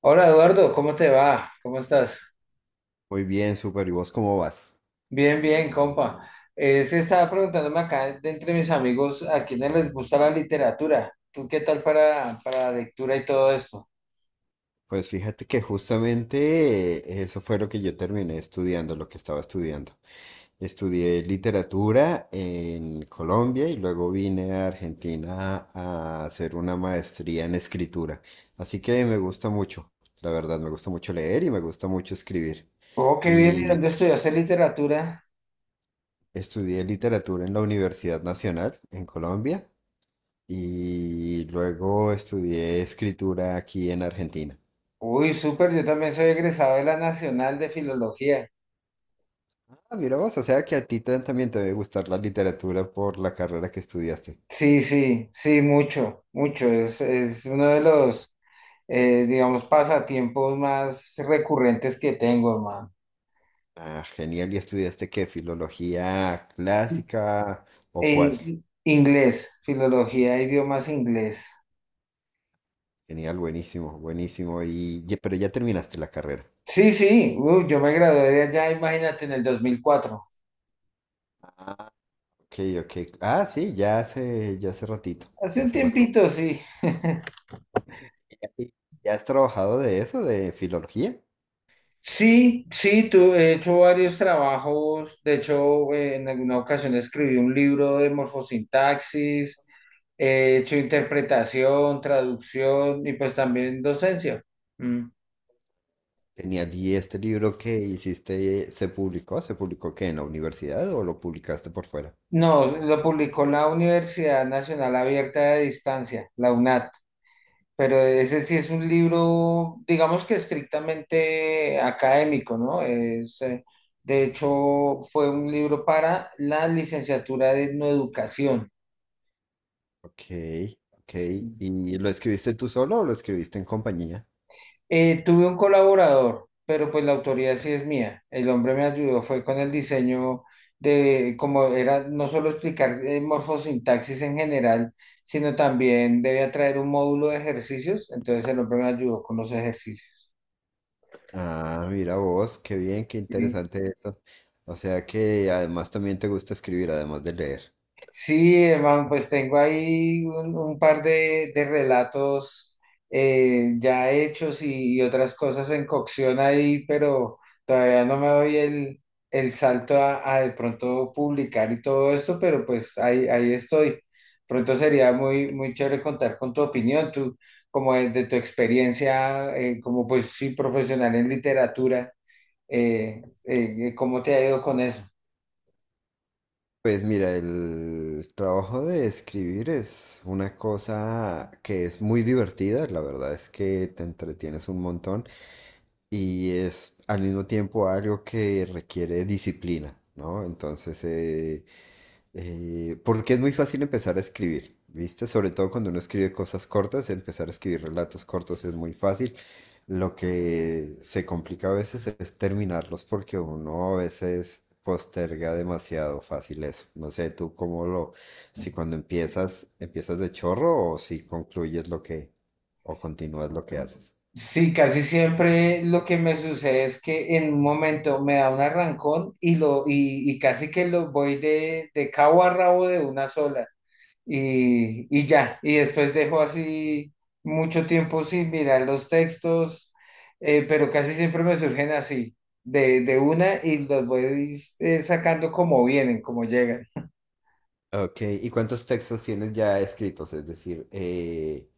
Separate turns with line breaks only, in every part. Hola Eduardo, ¿cómo te va? ¿Cómo estás?
Muy bien, super. ¿Y vos cómo vas?
Bien, bien, compa. Se estaba preguntándome acá de entre mis amigos a quiénes les gusta la literatura. ¿Tú qué tal para la lectura y todo esto?
Pues fíjate que justamente eso fue lo que yo terminé estudiando, lo que estaba estudiando. Estudié literatura en Colombia y luego vine a Argentina a hacer una maestría en escritura. Así que me gusta mucho, la verdad, me gusta mucho leer y me gusta mucho escribir.
Oh, qué bien, ¿y
Y
dónde estudiaste literatura?
estudié literatura en la Universidad Nacional en Colombia y luego estudié escritura aquí en Argentina.
Uy, súper, yo también soy egresado de la Nacional de Filología.
Ah, mira vos, o sea que a ti también te debe gustar la literatura por la carrera que estudiaste.
Sí, sí, sí, mucho, mucho. Es uno de los, digamos, pasatiempos más recurrentes que tengo, hermano.
Ah, genial. ¿Y estudiaste qué? ¿Filología clásica o cuál?
Eh, inglés, filología, idiomas inglés.
Genial, buenísimo, buenísimo. Pero ya terminaste la carrera.
Sí, sí, uy, yo me gradué de allá, imagínate, en el 2004.
Ah, ok, ok. Ah, sí, ya hace ratito,
Hace
ya
un
hace ratito.
tiempito, sí.
¿Y ¿Ya has trabajado de eso, de filología?
Sí, sí, he hecho varios trabajos. De hecho, en alguna ocasión escribí un libro de morfosintaxis, he hecho interpretación, traducción y pues también docencia. Mm.
Genial. ¿Y este libro que hiciste, se publicó? ¿Se publicó qué? ¿En la universidad o lo publicaste por fuera?
No, lo publicó la Universidad Nacional Abierta de Distancia, la UNAD. Pero ese sí es un libro, digamos que estrictamente académico, ¿no? De hecho, fue un libro para la licenciatura de etnoeducación.
Ok, ok. ¿Y lo escribiste tú solo o lo escribiste en compañía?
Tuve un colaborador, pero pues la autoría sí es mía. El hombre me ayudó, fue con el diseño de cómo era no solo explicar morfosintaxis en general, sino también debía traer un módulo de ejercicios. Entonces el hombre me ayudó con los ejercicios.
Ah, mira vos, qué bien, qué
¿Sí?
interesante eso. O sea que además también te gusta escribir, además de leer.
Sí, hermano, pues tengo ahí un par de relatos ya hechos y otras cosas en cocción ahí, pero todavía no me doy el salto a de pronto publicar y todo esto, pero pues ahí estoy. Pronto sería muy, muy chévere contar con tu opinión, tú, como de tu experiencia, como pues sí, profesional en literatura, ¿cómo te ha ido con eso?
Pues mira, el trabajo de escribir es una cosa que es muy divertida, la verdad es que te entretienes un montón y es al mismo tiempo algo que requiere disciplina, ¿no? Entonces, porque es muy fácil empezar a escribir, ¿viste? Sobre todo cuando uno escribe cosas cortas, empezar a escribir relatos cortos es muy fácil. Lo que se complica a veces es terminarlos porque uno a veces posterga demasiado fácil eso. No sé, si cuando empiezas, empiezas de chorro o si concluyes lo que, o continúas lo que haces.
Sí, casi siempre lo que me sucede es que en un momento me da un arrancón y casi que lo voy de cabo a rabo de una sola y ya, y después dejo así mucho tiempo sin mirar los textos, pero casi siempre me surgen así, de una y los voy sacando como vienen, como llegan.
Ok, ¿y cuántos textos tienes ya escritos? Es decir, eh,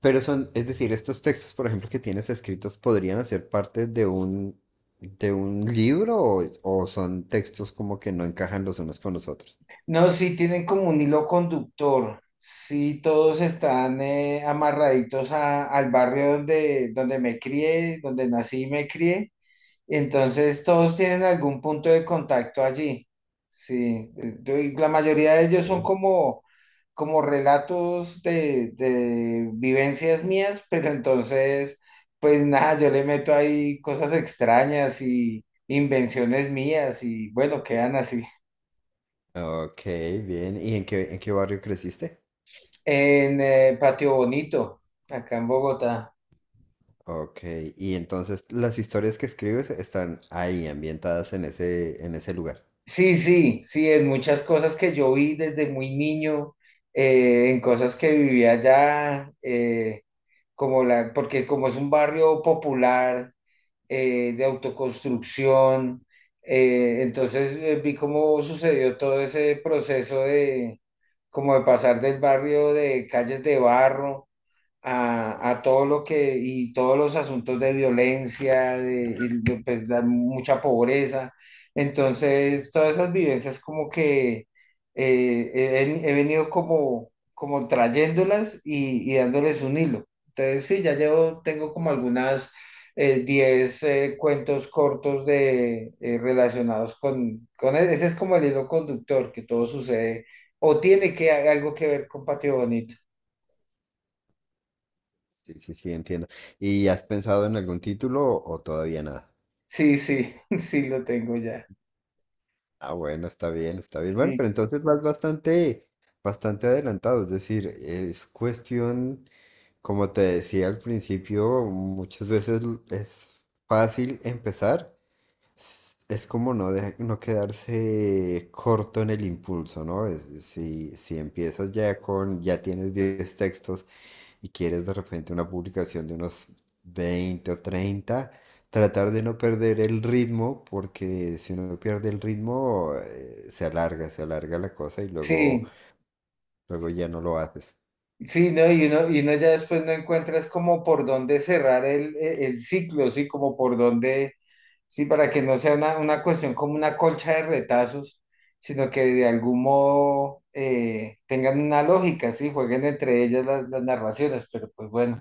Pero son, Es decir, estos textos, por ejemplo, que tienes escritos, ¿podrían hacer parte de de un libro o son textos como que no encajan los unos con los otros?
No, sí tienen como un hilo conductor, sí todos están amarraditos al barrio donde me crié, donde nací y me crié, entonces todos tienen algún punto de contacto allí, sí, y la mayoría de ellos son
Okay.
como relatos de vivencias mías, pero entonces, pues nada, yo le meto ahí cosas extrañas y invenciones mías y bueno, quedan así.
Ok, bien. ¿Y en qué barrio creciste?
En Patio Bonito, acá en Bogotá.
Ok, y entonces las historias que escribes están ahí, ambientadas en en ese lugar.
Sí, sí, sí, en muchas cosas que yo vi desde muy niño, en cosas que vivía allá, como porque como es un barrio popular, de autoconstrucción, entonces vi cómo sucedió todo ese proceso como de pasar del barrio de calles de barro a todo lo que y todos los asuntos de violencia, y pues, la mucha pobreza. Entonces, todas esas vivencias como que he venido como trayéndolas y dándoles un hilo. Entonces, sí, ya llevo, tengo como algunas 10 cuentos cortos relacionados con ese es como el hilo conductor que todo sucede o tiene que algo que ver con Patio Bonito.
Sí, sí, sí, entiendo. ¿Y has pensado en algún título o todavía nada?
Sí, sí, sí lo tengo ya.
Ah, bueno, está bien, está bien. Bueno,
Sí,
pero entonces vas bastante adelantado, es decir, es cuestión. Como te decía al principio, muchas veces es fácil empezar. Es como no, no quedarse corto en el impulso, ¿no? Si, si empiezas ya con, ya tienes 10 textos y quieres de repente una publicación de unos 20 o 30, tratar de no perder el ritmo, porque si uno pierde el ritmo, se alarga la cosa y luego,
sí.
luego ya no lo haces.
Sí, ¿no? Y uno ya después no encuentras como por dónde cerrar el ciclo, sí, como por dónde, sí, para que no sea una cuestión como una colcha de retazos, sino que de algún modo tengan una lógica, sí, jueguen entre ellas las narraciones, pero pues bueno,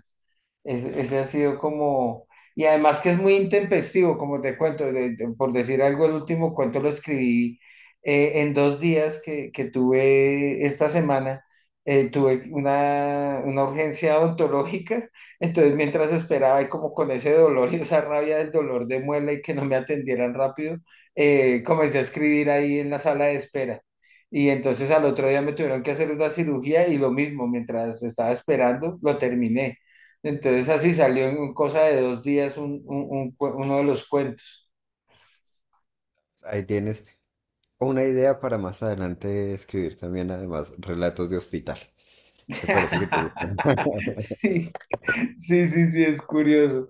ese ha sido como, y además que es muy intempestivo, como te cuento, por decir algo, el último cuento lo escribí en 2 días que tuve esta semana tuve una urgencia odontológica, entonces mientras esperaba y como con ese dolor y esa rabia del dolor de muela y que no me atendieran rápido, comencé a escribir ahí en la sala de espera. Y entonces al otro día me tuvieron que hacer una cirugía y lo mismo, mientras estaba esperando, lo terminé. Entonces así salió en cosa de 2 días uno de los cuentos.
Ahí tienes una idea para más adelante escribir también, además, relatos de hospital, que parece que te gustan.
Sí, sí, sí, sí, es curioso.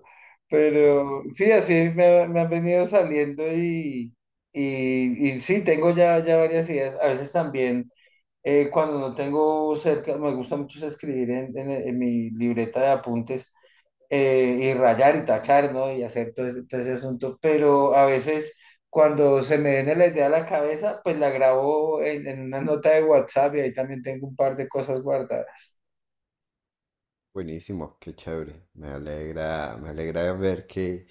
Ah,
Pero sí, así me han venido saliendo y, y sí, tengo ya, ya varias ideas. A veces también, cuando no tengo cerca, me gusta mucho es escribir en, en mi libreta de apuntes y rayar y tachar, ¿no? Y hacer todo ese asunto. Pero a veces, cuando se me viene la idea a la cabeza, pues la grabo en, una nota de WhatsApp y ahí también tengo un par de cosas guardadas.
buenísimo, qué chévere. Me alegra ver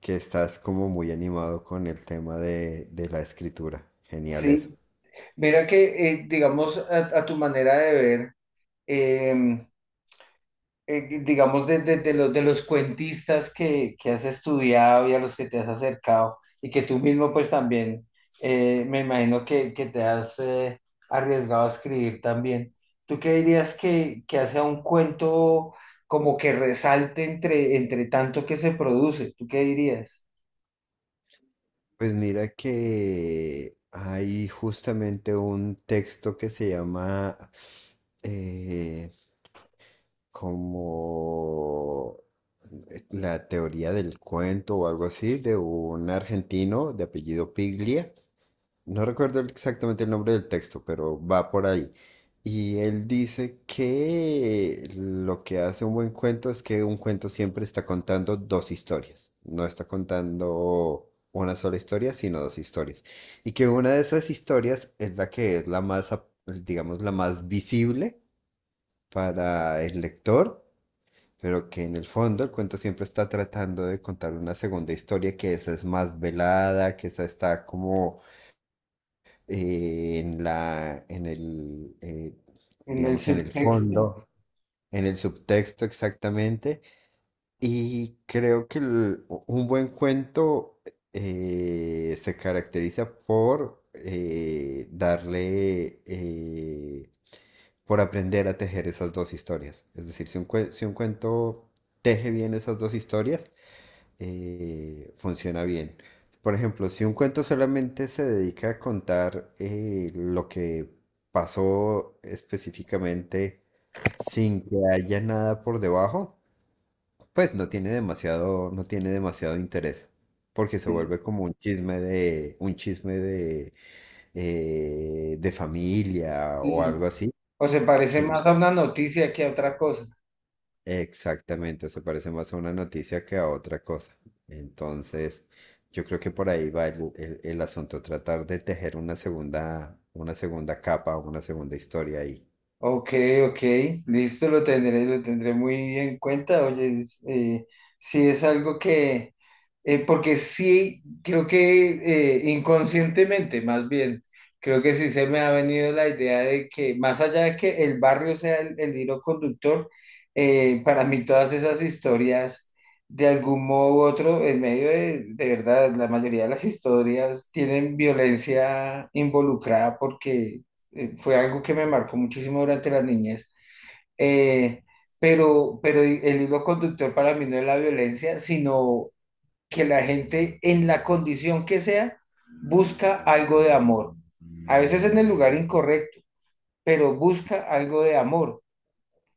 que estás como muy animado con el tema de la escritura. Genial eso.
Sí. Mira que, digamos, a tu manera de ver, em, digamos, de los cuentistas que has estudiado y a los que te has acercado y que tú mismo pues también, me imagino que te has arriesgado a escribir también, ¿tú qué dirías que hace a un cuento como que resalte entre tanto que se produce? ¿Tú qué dirías?
Pues mira que hay justamente un texto que se llama eh, como la teoría del cuento o algo así de un argentino de apellido Piglia. No recuerdo exactamente el nombre del texto, pero va por ahí. Y él dice que lo que hace un buen cuento es que un cuento siempre está contando dos historias. No está contando una sola historia, sino dos historias. Y que una de esas historias es la que es digamos, la más visible para el lector, pero que en el fondo el cuento siempre está tratando de contar una segunda historia, que esa es más velada, que esa está como en la, en el,
En el
digamos, en el
subtexto.
fondo, en el subtexto exactamente. Y creo que un buen cuento se caracteriza por por aprender a tejer esas dos historias. Es decir, si un cuento teje bien esas dos historias, funciona bien. Por ejemplo, si un cuento solamente se dedica a contar lo que pasó específicamente sin que haya nada por debajo, pues no tiene demasiado, no tiene demasiado interés, porque se
Sí.
vuelve como un chisme de familia o
Sí.
algo así,
¿O se parece
que,
más a una noticia que a otra cosa?
exactamente, se parece más a una noticia que a otra cosa. Entonces, yo creo que por ahí va el asunto, tratar de tejer una segunda capa, una segunda historia ahí.
Ok, ok, listo, lo tendré muy en cuenta. Oye, sí es algo que, porque sí, creo que inconscientemente, más bien, creo que sí se me ha venido la idea de que más allá de que el barrio sea el hilo conductor, para mí todas esas historias, de algún modo u otro, en medio de verdad, la mayoría de las historias tienen violencia involucrada porque fue algo que me marcó muchísimo durante la niñez. Eh, pero el hilo conductor para mí no es la violencia, sino que la gente en la condición que sea busca algo de amor. A veces en el lugar incorrecto, pero busca algo de amor,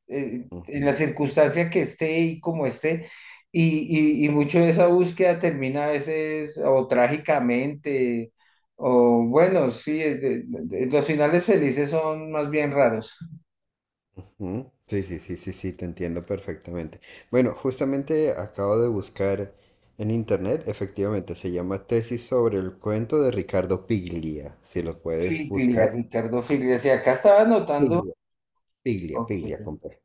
en
Ujú,
la circunstancia que esté y como esté. Y mucho de esa búsqueda termina a veces o trágicamente, o bueno, sí, los finales felices son más bien raros.
ujú. Sí, sí, sí, sí, sí, te entiendo perfectamente. Bueno, justamente acabo de buscar en internet, efectivamente, se llama Tesis sobre el cuento de Ricardo Piglia, si lo puedes
Figlia,
buscar.
Ricardo Figlia. Sí, acá estaba
Sí.
anotando.
Piglia,
Ok.
piglia compré.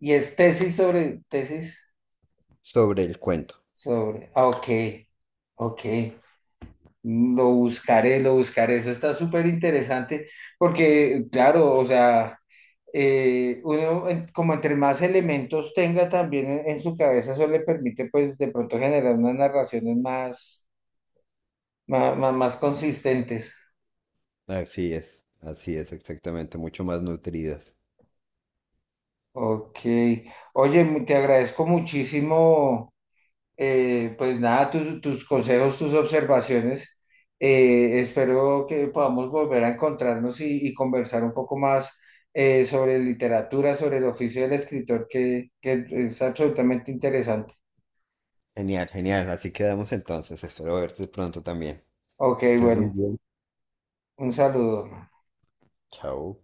Y es tesis sobre, tesis
Sobre el cuento.
sobre. Ah, ok, ok. Lo buscaré, lo buscaré. Eso está súper interesante porque, claro, o sea, uno como entre más elementos tenga también en, su cabeza, eso le permite pues de pronto generar unas narraciones más, más, más, más consistentes.
Así es, exactamente. Mucho más nutridas.
Ok. Oye, te agradezco muchísimo. Pues nada, tus consejos, tus observaciones. Espero que podamos volver a encontrarnos y conversar un poco más sobre literatura, sobre el oficio del escritor, que es absolutamente interesante.
Genial, genial. Así quedamos entonces. Espero verte pronto también.
Ok,
Que estés muy
bueno,
bien.
un saludo.
Chao.